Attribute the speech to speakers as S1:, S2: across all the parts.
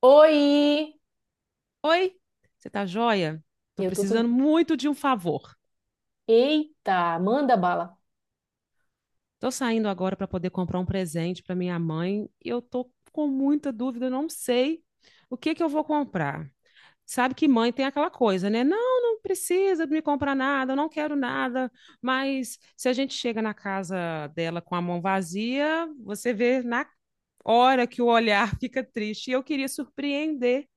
S1: Oi!
S2: Oi, você tá joia? Tô
S1: Eu tô
S2: precisando
S1: tudo.
S2: muito de um favor.
S1: Eita, manda bala.
S2: Tô saindo agora para poder comprar um presente para minha mãe e eu tô com muita dúvida, eu não sei o que que eu vou comprar. Sabe que mãe tem aquela coisa, né? Não, não precisa me comprar nada, eu não quero nada, mas se a gente chega na casa dela com a mão vazia, você vê na hora que o olhar fica triste. E eu queria surpreender.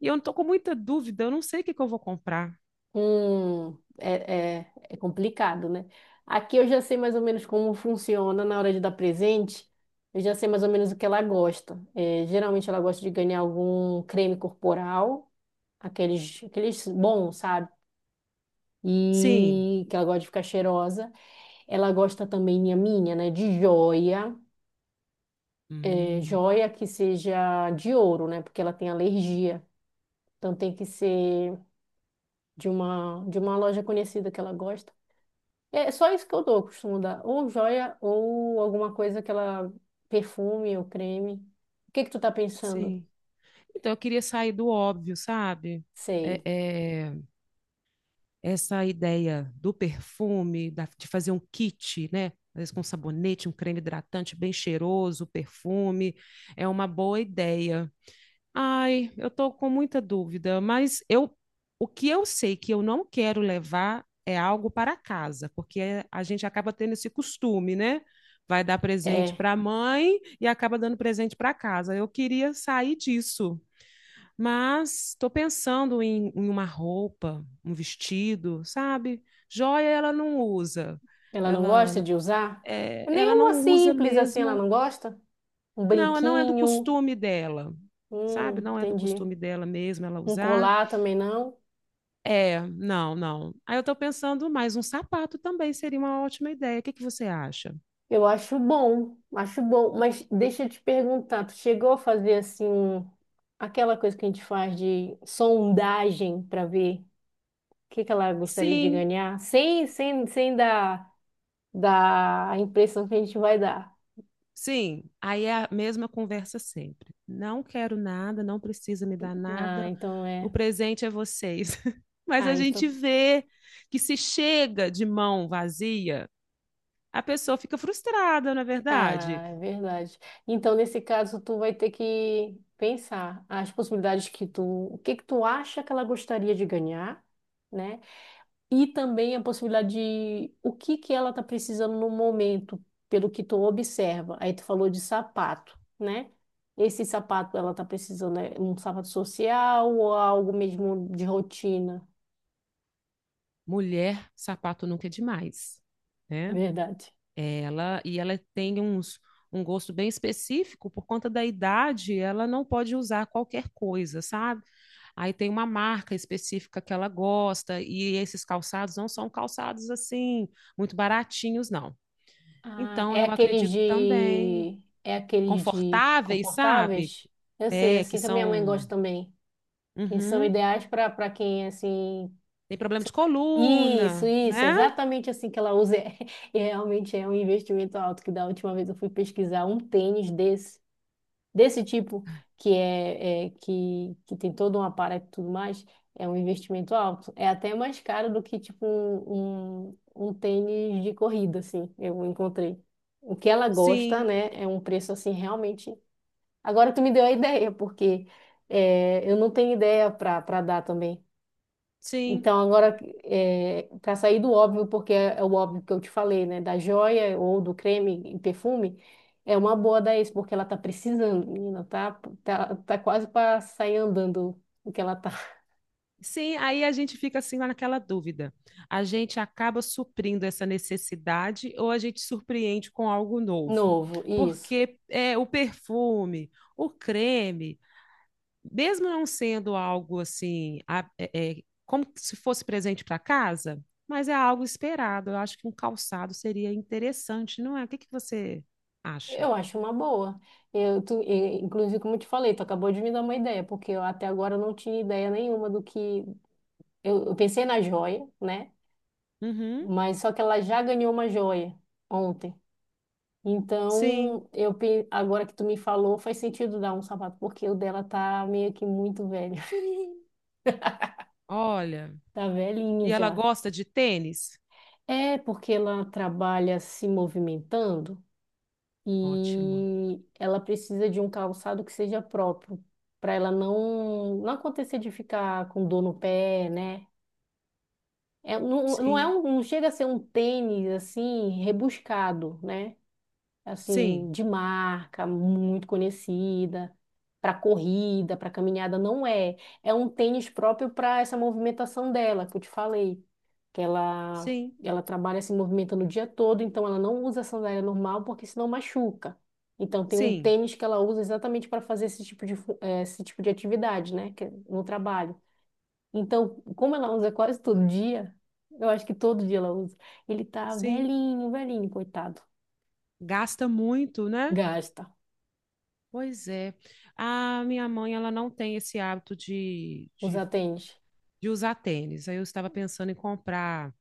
S2: E eu tô com muita dúvida, eu não sei o que que eu vou comprar.
S1: Hum, é complicado, né? Aqui eu já sei mais ou menos como funciona na hora de dar presente. Eu já sei mais ou menos o que ela gosta. É, geralmente ela gosta de ganhar algum creme corporal, aqueles bons, sabe?
S2: Sim.
S1: E que ela gosta de ficar cheirosa. Ela gosta também, né? De joia. É,
S2: Hum.
S1: joia que seja de ouro, né? Porque ela tem alergia. Então tem que ser de uma loja conhecida que ela gosta. É só isso que eu dou, eu costumo dar. Ou joia, ou alguma coisa que ela... Perfume ou creme. O que que tu tá pensando?
S2: Sim. Então, eu queria sair do óbvio, sabe? É,
S1: Sei.
S2: é, essa ideia do perfume, de fazer um kit, né? Às vezes com um sabonete, um creme hidratante bem cheiroso, perfume, é uma boa ideia. Ai, eu tô com muita dúvida, mas eu, o que eu sei que eu não quero levar é algo para casa, porque a gente acaba tendo esse costume, né? Vai dar presente
S1: É,
S2: para a mãe e acaba dando presente para casa. Eu queria sair disso. Mas estou pensando em uma roupa, um vestido, sabe? Joia ela não usa.
S1: ela não gosta
S2: Ela,
S1: de usar?
S2: é, ela
S1: Nenhuma
S2: não usa
S1: simples assim ela
S2: mesmo.
S1: não gosta? Um
S2: Não, não é do
S1: brinquinho?
S2: costume dela, sabe? Não é do
S1: Entendi.
S2: costume dela mesmo ela
S1: Um
S2: usar.
S1: colar também não?
S2: É, não, não. Aí eu estou pensando, mas um sapato também seria uma ótima ideia. O que que você acha?
S1: Eu acho bom, acho bom. Mas deixa eu te perguntar, tu chegou a fazer assim... um- Aquela coisa que a gente faz de sondagem para ver o que que ela gostaria de
S2: Sim.
S1: ganhar, sem dar, dar a impressão que a gente vai dar.
S2: Sim, aí é a mesma conversa sempre. Não quero nada, não precisa me dar
S1: Ah,
S2: nada,
S1: então
S2: o
S1: é.
S2: presente é vocês. Mas a
S1: Ah,
S2: gente
S1: então.
S2: vê que se chega de mão vazia, a pessoa fica frustrada, na verdade?
S1: Ah, é verdade. Então, nesse caso, tu vai ter que pensar as possibilidades que tu, o que que tu acha que ela gostaria de ganhar, né? E também a possibilidade de o que que ela está precisando no momento, pelo que tu observa. Aí tu falou de sapato, né? Esse sapato ela está precisando é um sapato social ou algo mesmo de rotina?
S2: Mulher, sapato nunca é demais, né?
S1: Verdade.
S2: E ela tem uns, um gosto bem específico, por conta da idade, ela não pode usar qualquer coisa, sabe? Aí tem uma marca específica que ela gosta, e esses calçados não são calçados assim, muito baratinhos, não.
S1: Ah,
S2: Então, eu acredito também,
S1: é aqueles de
S2: confortáveis, sabe?
S1: confortáveis? Eu sei,
S2: É, que
S1: assim que a minha mãe
S2: são.
S1: gosta também. Que são
S2: Uhum.
S1: ideais para para quem assim
S2: Tem problema de
S1: Isso,
S2: coluna,
S1: isso,
S2: né?
S1: exatamente assim que ela usa. E realmente é um investimento alto, que da última vez eu fui pesquisar um tênis desse, desse tipo, que é, é que tem todo um aparato e tudo mais, é um investimento alto. É até mais caro do que tipo um tênis de corrida, assim, eu encontrei. O que ela gosta,
S2: Sim,
S1: né, é um preço assim realmente. Agora tu me deu a ideia, porque é, eu não tenho ideia para para dar também.
S2: sim.
S1: Então, agora, para sair do óbvio, porque é, é o óbvio que eu te falei, né? Da joia ou do creme e perfume, é uma boa da ex, porque ela tá precisando, menina, tá quase para sair andando o que ela tá.
S2: Sim, aí a gente fica assim lá naquela dúvida. A gente acaba suprindo essa necessidade ou a gente surpreende com algo novo?
S1: Novo, isso.
S2: Porque é, o perfume, o creme, mesmo não sendo algo assim, é, como se fosse presente para casa, mas é algo esperado. Eu acho que um calçado seria interessante, não é? O que que você acha?
S1: Eu acho uma boa. Inclusive, como eu te falei, tu acabou de me dar uma ideia, porque eu até agora não tinha ideia nenhuma do que. Eu pensei na joia, né?
S2: Uhum,
S1: Mas só que ela já ganhou uma joia ontem.
S2: sim,
S1: Então, eu pe- agora que tu me falou, faz sentido dar um sapato, porque o dela tá meio que muito velho.
S2: olha.
S1: Tá velhinho
S2: E ela
S1: já.
S2: gosta de tênis?
S1: É porque ela trabalha se movimentando
S2: Ótimo.
S1: e ela precisa de um calçado que seja próprio, para ela não, não acontecer de ficar com dor no pé, né? É, não, não é
S2: Sim,
S1: um, não chega a ser um tênis assim rebuscado, né?
S2: sim,
S1: Assim, de marca, muito conhecida, para corrida, para caminhada, não é. É um tênis próprio para essa movimentação dela, que eu te falei, que ela
S2: sim,
S1: ela trabalha se movimentando o dia todo, então ela não usa sandália normal porque senão machuca. Então tem um
S2: sim,
S1: tênis que ela usa exatamente para fazer esse tipo de fu- eh, esse tipo de atividade, né, que é no trabalho. Então, como ela usa quase todo dia, eu acho que todo dia ela usa. Ele tá
S2: sim.
S1: velhinho, velhinho, coitado.
S2: Gasta muito, né?
S1: Gasta.
S2: Pois é. A minha mãe, ela não tem esse hábito de,
S1: Os
S2: de
S1: atende.
S2: de usar tênis. Aí eu estava pensando em comprar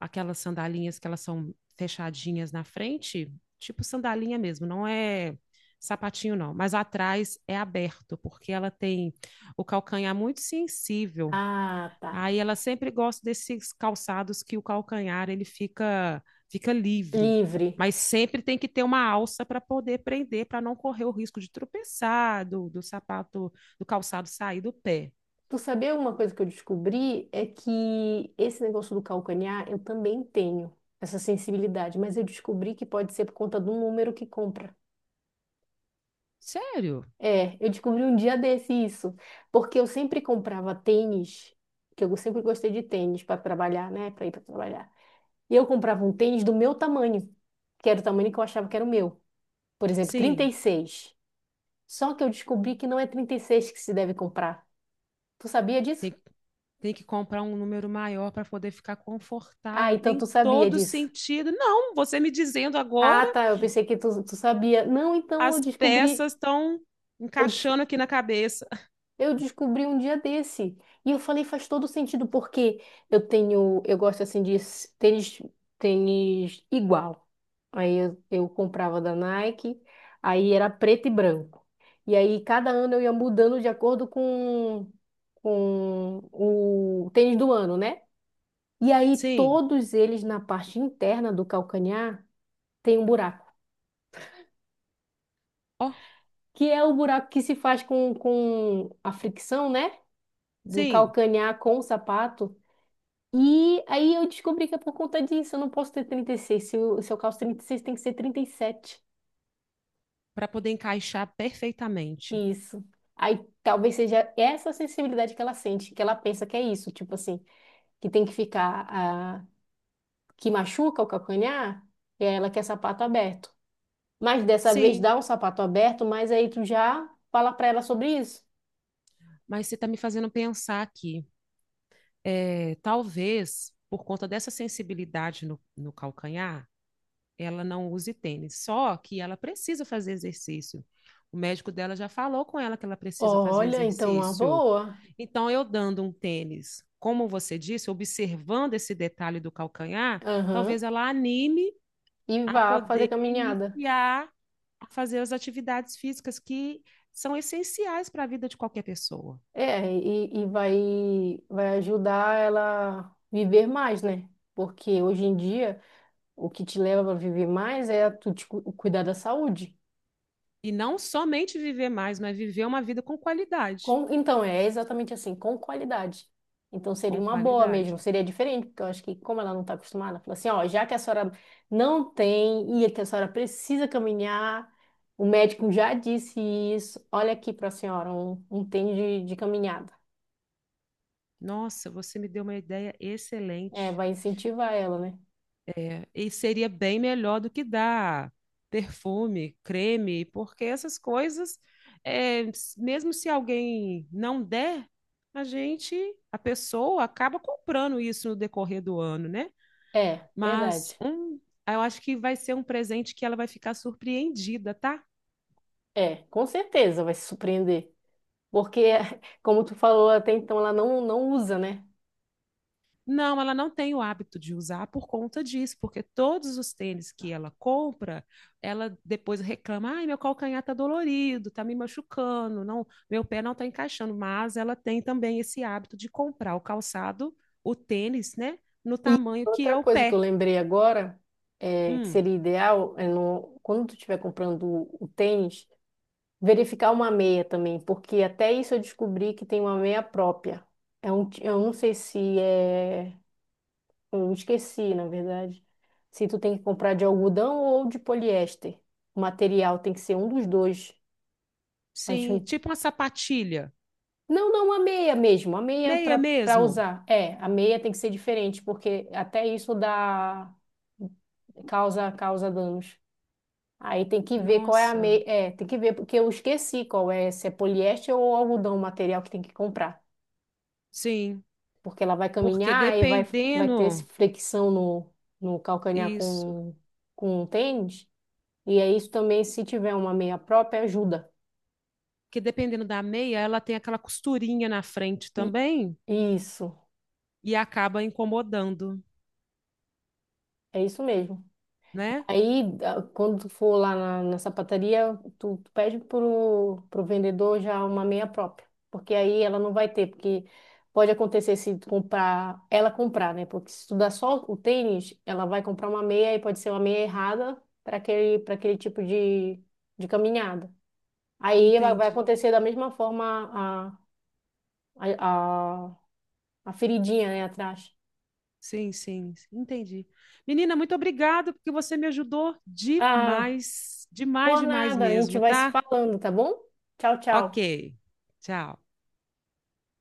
S2: aquelas sandalinhas que elas são fechadinhas na frente, tipo sandalinha mesmo, não é sapatinho não, mas atrás é aberto, porque ela tem o calcanhar muito sensível.
S1: Ah, tá.
S2: Aí ela sempre gosta desses calçados que o calcanhar ele fica livre,
S1: Livre.
S2: mas sempre tem que ter uma alça para poder prender, para não correr o risco de tropeçar, do sapato, do calçado sair do pé.
S1: Tu sabia uma coisa que eu descobri? É que esse negócio do calcanhar, eu também tenho essa sensibilidade, mas eu descobri que pode ser por conta do número que compra.
S2: Sério?
S1: É, eu descobri um dia desse isso, porque eu sempre comprava tênis, que eu sempre gostei de tênis para trabalhar, né? Para ir para trabalhar. E eu comprava um tênis do meu tamanho, que era o tamanho que eu achava que era o meu. Por exemplo, trinta
S2: Sim.
S1: e seis. Só que eu descobri que não é 36 que se deve comprar. Tu sabia disso?
S2: Tem, tem que comprar um número maior para poder ficar
S1: Ah,
S2: confortável.
S1: então tu
S2: Tem
S1: sabia
S2: todo
S1: disso.
S2: sentido. Não, você me dizendo
S1: Ah,
S2: agora,
S1: tá. Eu pensei que tu, tu sabia. Não, então eu
S2: as
S1: descobri.
S2: peças estão
S1: Eu, des-
S2: encaixando aqui na cabeça.
S1: eu descobri um dia desse. E eu falei, faz todo sentido, porque eu tenho. Eu gosto assim de s- tênis, tênis igual. Aí eu comprava da Nike, aí era preto e branco. E aí cada ano eu ia mudando de acordo com o tênis do ano, né? E aí
S2: Sim,
S1: todos eles na parte interna do calcanhar. Tem um buraco,
S2: ó,
S1: que é o buraco que se faz com a fricção, né? Do
S2: sim,
S1: calcanhar com o sapato. E aí eu descobri que é por conta disso, eu não posso ter 36. Se eu calço 36, tem que ser 37.
S2: para poder encaixar perfeitamente.
S1: Isso. Aí talvez seja essa sensibilidade que ela sente, que ela pensa que é isso, tipo assim, que tem que ficar, ah, que machuca o calcanhar, e aí ela quer sapato aberto. Mas dessa vez
S2: Sim,
S1: dá um sapato aberto, mas aí tu já fala pra ela sobre isso.
S2: mas você está me fazendo pensar aqui. É, talvez por conta dessa sensibilidade no calcanhar, ela não use tênis. Só que ela precisa fazer exercício. O médico dela já falou com ela que ela precisa fazer
S1: Olha, então uma
S2: exercício.
S1: boa.
S2: Então, eu dando um tênis, como você disse, observando esse detalhe do calcanhar,
S1: Aham.
S2: talvez ela anime
S1: E
S2: a
S1: vá
S2: poder
S1: fazer caminhada.
S2: iniciar a fazer as atividades físicas que são essenciais para a vida de qualquer pessoa.
S1: É, e vai, vai ajudar ela a viver mais, né? Porque hoje em dia, o que te leva a viver mais é tu te cu- cuidar da saúde.
S2: E não somente viver mais, mas viver uma vida com qualidade.
S1: Com, então, é exatamente assim, com qualidade. Então, seria
S2: Com
S1: uma boa mesmo,
S2: qualidade.
S1: seria diferente, porque eu acho que, como ela não está acostumada, fala assim: ó, já que a senhora não tem e que a senhora precisa caminhar, o médico já disse isso, olha aqui para a senhora, um tênis de caminhada.
S2: Nossa, você me deu uma ideia
S1: É,
S2: excelente.
S1: vai incentivar ela, né?
S2: É, e seria bem melhor do que dar perfume, creme, porque essas coisas, mesmo se alguém não der, a gente, a pessoa acaba comprando isso no decorrer do ano, né?
S1: É,
S2: Mas
S1: verdade.
S2: um, eu acho que vai ser um presente que ela vai ficar surpreendida, tá?
S1: É, com certeza vai se surpreender. Porque, como tu falou até então, ela não, não usa, né?
S2: Não, ela não tem o hábito de usar por conta disso, porque todos os tênis que ela compra, ela depois reclama: "Ai, meu calcanhar tá dolorido, tá me machucando, não, meu pé não tá encaixando". Mas ela tem também esse hábito de comprar o calçado, o tênis, né, no
S1: E
S2: tamanho que
S1: outra
S2: é o
S1: coisa que eu
S2: pé.
S1: lembrei agora, é, que
S2: Hum,
S1: seria ideal, é no, quando tu estiver comprando o tênis, verificar uma meia também, porque até isso eu descobri que tem uma meia própria. É um, ti- eu não sei se é. Eu esqueci, na verdade. Se tu tem que comprar de algodão ou de poliéster. O material tem que ser um dos dois.
S2: sim,
S1: Acho...
S2: tipo uma sapatilha,
S1: Não, não, a meia mesmo, a meia para
S2: meia
S1: para
S2: mesmo.
S1: usar. É, a meia tem que ser diferente, porque até isso dá causa danos. Aí tem que ver qual é a
S2: Nossa,
S1: meia, é, tem que ver porque eu esqueci qual é, se é poliéster ou algodão o material que tem que comprar,
S2: sim,
S1: porque ela vai
S2: porque
S1: caminhar e vai vai ter esse
S2: dependendo
S1: flexão no no calcanhar
S2: isso,
S1: com o tênis, e é isso também se tiver uma meia própria ajuda.
S2: que dependendo da meia, ela tem aquela costurinha na frente
S1: E-
S2: também.
S1: Isso,
S2: E acaba incomodando,
S1: é isso mesmo.
S2: né?
S1: Aí, a- quando tu for lá na sapataria, tu pede pro, pro vendedor já uma meia própria, porque aí ela não vai ter, porque pode acontecer se tu comprar, ela comprar, né? Porque se tu dá só o tênis, ela vai comprar uma meia e pode ser uma meia errada para aquele tipo de caminhada. Aí vai, vai
S2: Entendi.
S1: acontecer da mesma forma a, a, a, a feridinha, né, atrás.
S2: Sim, sim, entendi. Menina, muito obrigado porque você me ajudou
S1: Ah,
S2: demais, demais,
S1: por
S2: demais
S1: nada, a gente
S2: mesmo,
S1: vai se
S2: tá?
S1: falando, tá bom? Tchau,
S2: Ok.
S1: tchau.
S2: Tchau.